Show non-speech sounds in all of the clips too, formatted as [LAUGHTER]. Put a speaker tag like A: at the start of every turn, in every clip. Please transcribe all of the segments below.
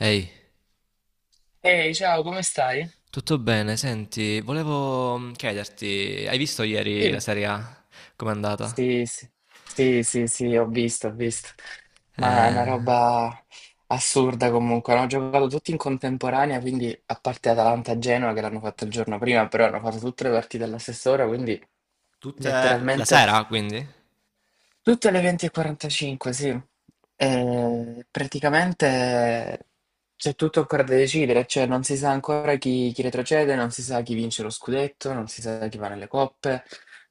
A: Ehi,
B: Ehi, ciao, come stai?
A: tutto bene? Senti, volevo chiederti, hai visto ieri la
B: Dimmi.
A: Serie A? Com'è andata?
B: Sì, sì, sì, sì, sì, ho visto, ho visto. Ma è una
A: Eh,
B: roba assurda comunque. Hanno giocato tutti in contemporanea, quindi a parte Atalanta-Genoa che l'hanno fatto il giorno prima, però hanno fatto tutte le partite alla stessa ora, quindi
A: Tutte la
B: letteralmente.
A: sera, quindi?
B: Tutte alle 20:45, sì.
A: Ok.
B: E praticamente c'è tutto ancora da decidere, cioè non si sa ancora chi retrocede, non si sa chi vince lo scudetto, non si sa chi va nelle coppe,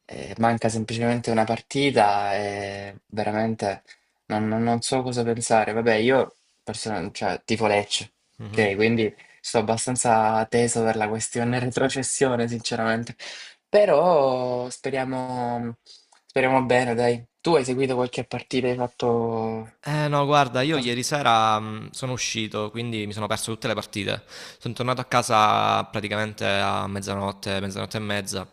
B: manca semplicemente una partita e veramente non so cosa pensare. Vabbè, io cioè, tifo Lecce,
A: Mhm.
B: ok? Quindi sto abbastanza teso per la questione [LAUGHS] retrocessione, sinceramente. Però speriamo, speriamo bene, dai. Tu hai seguito qualche partita, hai fatto
A: Eh no, guarda, io
B: qualcosa?
A: ieri sera sono uscito, quindi mi sono perso tutte le partite. Sono tornato a casa praticamente a mezzanotte, mezzanotte e mezza.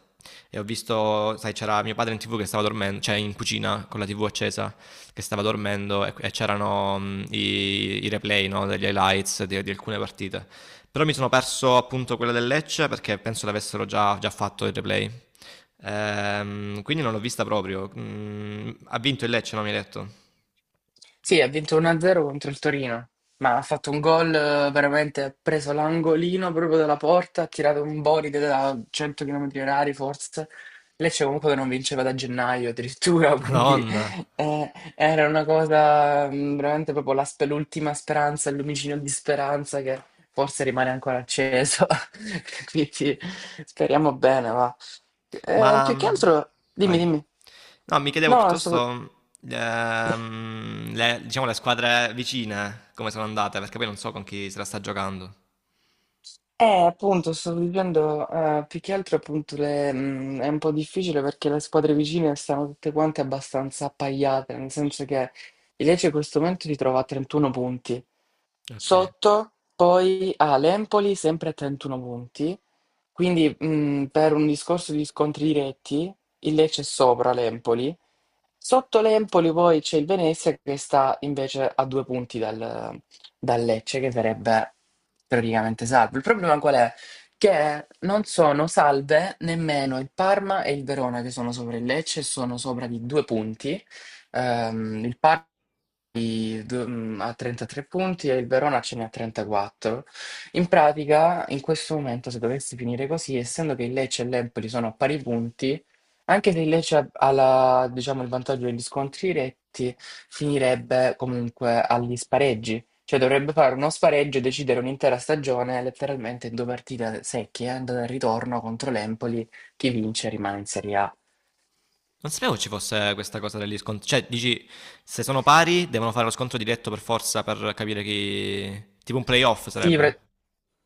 A: E ho visto, sai, c'era mio padre in TV che stava dormendo, cioè in cucina con la TV accesa, che stava dormendo e c'erano i replay, no, degli highlights di alcune partite. Però mi sono perso appunto quella del Lecce perché penso l'avessero già, già fatto il replay. Quindi non l'ho vista proprio. Ha vinto il Lecce, no, mi hai detto?
B: Sì, ha vinto 1-0 contro il Torino, ma ha fatto un gol veramente, ha preso l'angolino proprio dalla porta, ha tirato un boride da 100 km orari forse. Lecce comunque che non vinceva da gennaio addirittura, [LAUGHS] quindi
A: Madonna,
B: era una cosa veramente proprio la l'ultima speranza, il lumicino di speranza che forse rimane ancora acceso. [LAUGHS] Quindi speriamo bene, va.
A: ma,
B: Più che
A: mhmm,
B: altro, dimmi,
A: vai.
B: dimmi.
A: No, mi chiedevo
B: No.
A: piuttosto, le diciamo le squadre vicine come sono andate, perché poi non so con chi se la sta giocando.
B: Appunto, sto vivendo più che altro appunto è un po' difficile perché le squadre vicine stanno tutte quante abbastanza appaiate, nel senso che il Lecce in questo momento si trova a 31 punti.
A: Okay.
B: Sotto poi ha l'Empoli sempre a 31 punti, quindi per un discorso di scontri diretti il Lecce è sopra l'Empoli. Sotto l'Empoli poi c'è il Venezia che sta invece a due punti dal Lecce che verrebbe teoricamente salvo. Il problema qual è? Che non sono salve nemmeno il Parma e il Verona che sono sopra il Lecce, sono sopra di due punti. Il Parma ha 33 punti e il Verona ce ne ha 34. In pratica, in questo momento, se dovesse finire così, essendo che il Lecce e l'Empoli sono a pari punti, anche se il Lecce ha la diciamo, il vantaggio degli scontri diretti, finirebbe comunque agli spareggi. Cioè dovrebbe fare uno spareggio e decidere un'intera stagione, letteralmente in 2 partite secche, andata e ritorno contro l'Empoli, chi vince rimane in Serie A.
A: Non sapevo ci fosse questa cosa degli scon cioè dici, se sono pari devono fare lo scontro diretto per forza per capire chi, tipo un playoff
B: Sì,
A: sarebbe?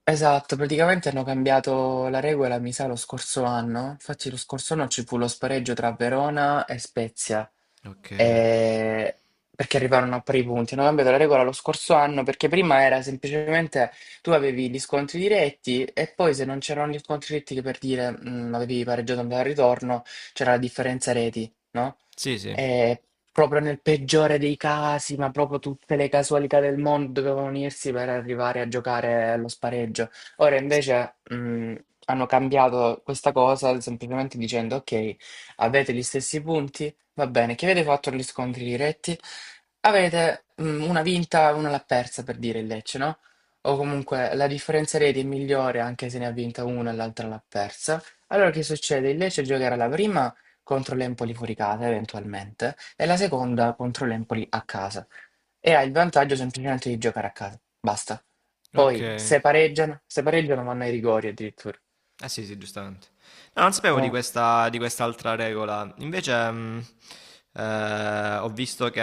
B: esatto, praticamente hanno cambiato la regola, mi sa, lo scorso anno. Infatti lo scorso anno ci fu lo spareggio tra Verona e Spezia,
A: Okay.
B: eh, perché arrivarono a pari punti. Hanno cambiato la regola lo scorso anno perché prima era semplicemente tu avevi gli scontri diretti e poi se non c'erano gli scontri diretti che per dire avevi pareggiato andata al ritorno, c'era la differenza reti, no?
A: Sì, sì.
B: E proprio nel peggiore dei casi, ma proprio tutte le casualità del mondo dovevano unirsi per arrivare a giocare allo spareggio. Ora
A: S
B: invece hanno cambiato questa cosa semplicemente dicendo ok, avete gli stessi punti. Va bene, che avete fatto gli scontri diretti? Avete una vinta e una l'ha persa per dire il Lecce, no? O comunque la differenza reti è migliore anche se ne ha vinta una e l'altra l'ha persa. Allora che succede? Il Lecce giocherà la prima contro l'Empoli fuori casa, eventualmente, e la seconda contro l'Empoli a casa. E ha il vantaggio semplicemente di giocare a casa. Basta. Poi
A: Okay.
B: se pareggiano, se pareggiano vanno ai rigori addirittura.
A: Eh sì, sì, giustamente. No, non sapevo di
B: Mm,
A: questa, di quest'altra regola. Invece, ho visto che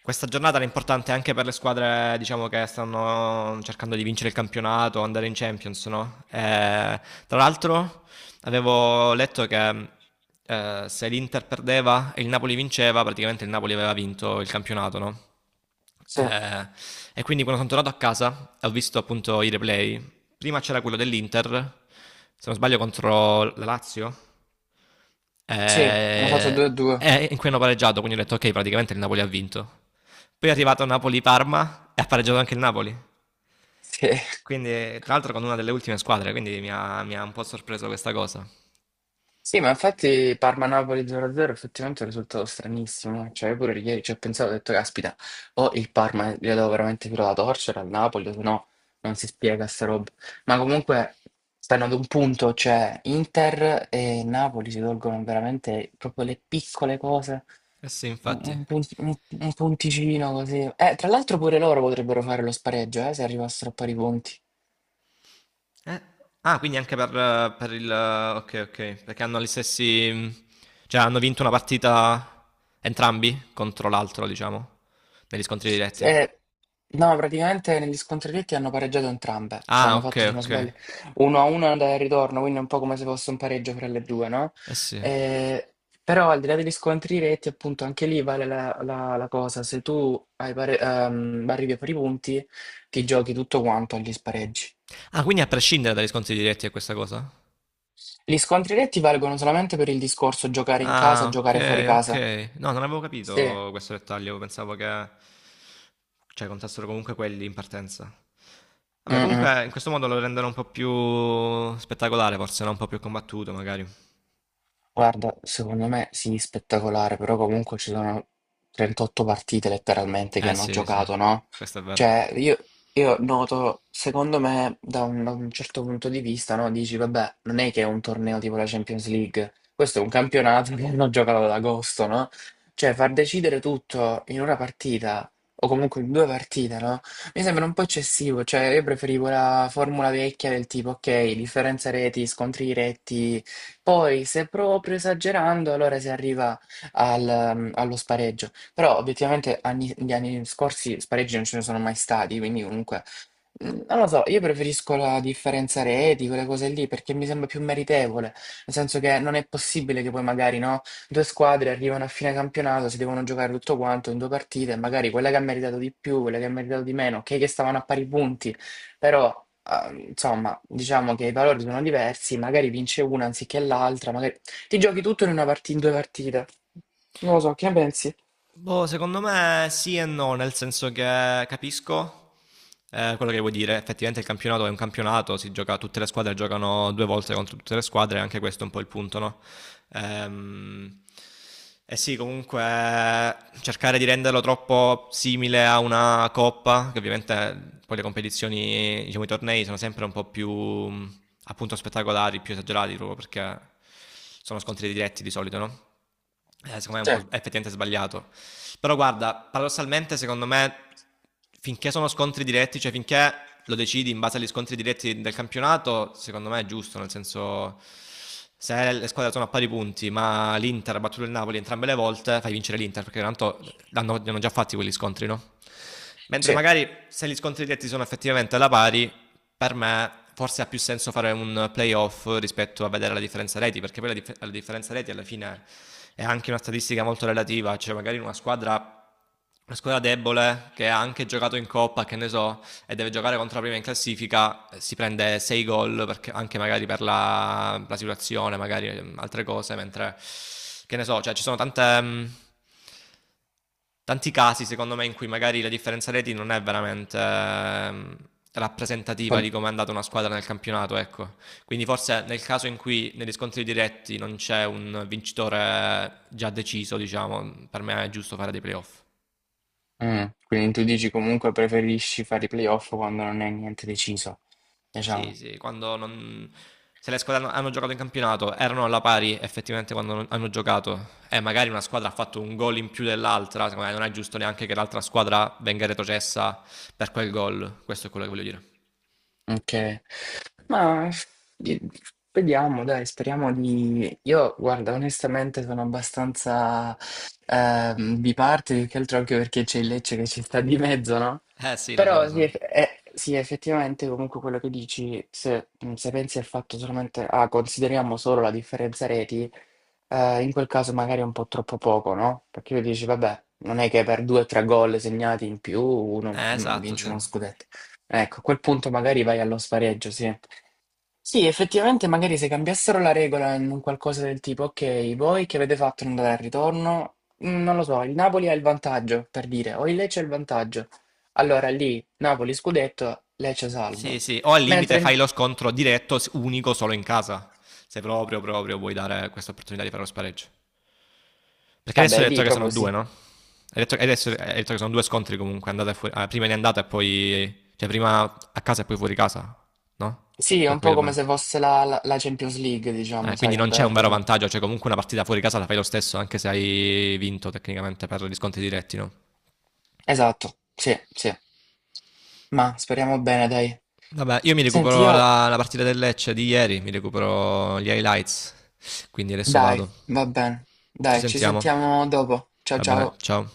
A: questa giornata era importante anche per le squadre, diciamo, che stanno cercando di vincere il campionato, andare in Champions, no? Tra l'altro, avevo letto che se l'Inter perdeva e il Napoli vinceva, praticamente il Napoli aveva vinto il campionato, no?
B: sì,
A: Eh, e quindi quando sono tornato a casa ho visto appunto i replay. Prima c'era quello dell'Inter, se non sbaglio contro la Lazio,
B: sì, hanno fatto
A: eh,
B: 2-2.
A: in cui hanno pareggiato, quindi ho detto ok, praticamente il Napoli ha vinto. Poi è arrivato Napoli-Parma e ha pareggiato anche il Napoli.
B: Sì.
A: Quindi, tra l'altro, con una delle ultime squadre, quindi mi ha un po' sorpreso questa cosa.
B: Sì, ma infatti Parma-Napoli 0-0 effettivamente è un risultato stranissimo. Cioè, io pure ieri ci ho pensato, ho detto, caspita, o il Parma glielo devo veramente più la torcere al Napoli, o se no non si spiega sta roba. Ma comunque stanno ad un punto, cioè Inter e Napoli si tolgono veramente proprio le piccole cose,
A: Eh sì,
B: un,
A: infatti.
B: un punt- un- un punticino così. Tra l'altro pure loro potrebbero fare lo spareggio, se arrivassero a pari punti.
A: Eh, Ah, quindi anche per il... Ok, ok, perché hanno gli stessi... Cioè, hanno vinto una partita entrambi contro l'altro, diciamo, negli scontri diretti.
B: Eh, no, praticamente negli scontri diretti hanno pareggiato entrambe, cioè
A: Ah,
B: hanno
A: ok,
B: fatto, se non
A: ok.
B: sbaglio, 1-1 andata e ritorno, quindi è un po' come se fosse un pareggio fra le due, no?
A: Eh sì.
B: Eh, però al di là degli scontri diretti, appunto, anche lì vale la cosa, se tu hai arrivi a pari punti, ti giochi tutto quanto agli spareggi.
A: Ah, quindi a prescindere dai riscontri diretti è questa cosa?
B: Gli scontri diretti valgono solamente per il discorso giocare in casa,
A: Ah, ok,
B: giocare fuori
A: ok.
B: casa.
A: No, non avevo
B: Sì.
A: capito questo dettaglio, pensavo che... Cioè, contassero comunque quelli in partenza. Vabbè,
B: Mm, mm.
A: comunque in questo modo lo rendono un po' più spettacolare, forse, no? Un po' più combattuto, magari.
B: Guarda, secondo me sì, spettacolare, però comunque ci sono 38 partite letteralmente che
A: Eh
B: hanno
A: sì, sì,
B: giocato, no?
A: questo è vero.
B: Cioè, io noto, secondo me, da un certo punto di vista, no? Dici, vabbè, non è che è un torneo tipo la Champions League, questo è un campionato che hanno giocato ad agosto, no? Cioè, far decidere tutto in una partita, o comunque in due partite, no? Mi sembra un po' eccessivo, cioè io preferivo la formula vecchia del tipo, ok, differenza reti, scontri diretti, poi, se proprio esagerando, allora si arriva allo spareggio. Però, obiettivamente, gli anni scorsi spareggi non ce ne sono mai stati, quindi comunque. Non lo so, io preferisco la differenza reti, quelle cose lì, perché mi sembra più meritevole, nel senso che non è possibile che poi magari, no, due squadre arrivano a fine campionato, si devono giocare tutto quanto in due partite, e magari quella che ha meritato di più, quella che ha meritato di meno, ok che stavano a pari punti, però, ah, insomma, diciamo che i valori sono diversi, magari vince una anziché l'altra, magari ti giochi tutto in una in due partite. Non lo so, che ne pensi?
A: Boh, secondo me sì e no, nel senso che capisco quello che vuoi dire. Effettivamente il campionato è un campionato, si gioca, tutte le squadre giocano due volte contro tutte le squadre, anche questo è un po' il punto, no? Ehm, e sì, comunque cercare di renderlo troppo simile a una coppa, che ovviamente poi le competizioni, diciamo i tornei sono sempre un po' più appunto spettacolari, più esagerati proprio perché sono scontri diretti di solito, no? Secondo me è un
B: Sì,
A: po' è effettivamente sbagliato. Però guarda, paradossalmente secondo me finché sono scontri diretti, cioè finché lo decidi in base agli scontri diretti del campionato, secondo me è giusto, nel senso se le squadre sono a pari punti, ma l'Inter ha battuto il Napoli entrambe le volte, fai vincere l'Inter perché tanto li hanno già fatti quegli scontri, no? Mentre
B: sì.
A: magari se gli scontri diretti sono effettivamente alla pari, per me forse ha più senso fare un playoff rispetto a vedere la differenza reti, perché poi la differenza reti alla fine è anche una statistica molto relativa, cioè magari in una squadra debole che ha anche giocato in coppa, che ne so, e deve giocare contro la prima in classifica, si prende 6 gol anche magari per la situazione, magari altre cose, mentre che ne so, cioè ci sono tanti casi secondo me in cui magari la differenza reti non è veramente rappresentativa di come è andata una squadra nel campionato, ecco. Quindi forse nel caso in cui negli scontri diretti non c'è un vincitore già deciso, diciamo, per me è giusto fare dei playoff.
B: Mm, quindi tu dici comunque preferisci fare i playoff quando non è niente deciso,
A: Sì,
B: diciamo.
A: sì, quando non... Se le squadre hanno, hanno giocato in campionato erano alla pari effettivamente quando non- hanno giocato e magari una squadra ha fatto un gol in più dell'altra, secondo me non è giusto neanche che l'altra squadra venga retrocessa per quel gol, questo è quello che voglio dire.
B: Ok. Ma di- vediamo, dai, speriamo di... Io, guarda, onestamente sono abbastanza biparte, più che altro anche perché c'è il Lecce che ci sta di mezzo, no?
A: Eh sì, lo so, lo
B: Però sì,
A: so.
B: sì, effettivamente comunque quello che dici, se pensi al fatto solamente, ah, consideriamo solo la differenza reti, in quel caso magari è un po' troppo poco, no? Perché io dici, vabbè, non è che per due o tre gol segnati in più uno
A: Esatto,
B: vince
A: sì.
B: uno scudetto. Ecco, a quel punto magari vai allo spareggio, sì. Sì, effettivamente magari se cambiassero la regola in un qualcosa del tipo, ok, voi che avete fatto in andare al ritorno? Non lo so, il Napoli ha il vantaggio, per dire, o il Lecce ha il vantaggio. Allora lì, Napoli scudetto, Lecce
A: Sì,
B: salvo.
A: sì, o al limite
B: Mentre,
A: fai lo scontro diretto unico solo in casa, se proprio, proprio vuoi dare questa opportunità di fare lo spareggio. Perché adesso
B: vabbè,
A: hai
B: lì
A: detto che sono
B: proprio sì.
A: due, no? Hai detto che sono due scontri comunque, andata e fuori, ah, prima di andata e poi, cioè prima a casa e poi fuori casa, no?
B: Sì, è
A: Se ho
B: un po'
A: capito
B: come
A: bene.
B: se fosse la Champions League, diciamo,
A: Quindi
B: sai,
A: non
B: andare
A: c'è
B: al
A: un vero
B: ritorno.
A: vantaggio, cioè comunque una partita fuori casa la fai lo stesso, anche se hai vinto tecnicamente per gli scontri diretti, no?
B: Esatto, sì, sì. Ma speriamo bene, dai.
A: Vabbè, io mi
B: Senti,
A: recupero
B: io...
A: la partita del Lecce di ieri, mi recupero gli highlights, quindi adesso
B: Dai,
A: vado.
B: va bene.
A: Ci
B: Dai, ci
A: sentiamo.
B: sentiamo dopo. Ciao
A: Va bene,
B: ciao.
A: ciao.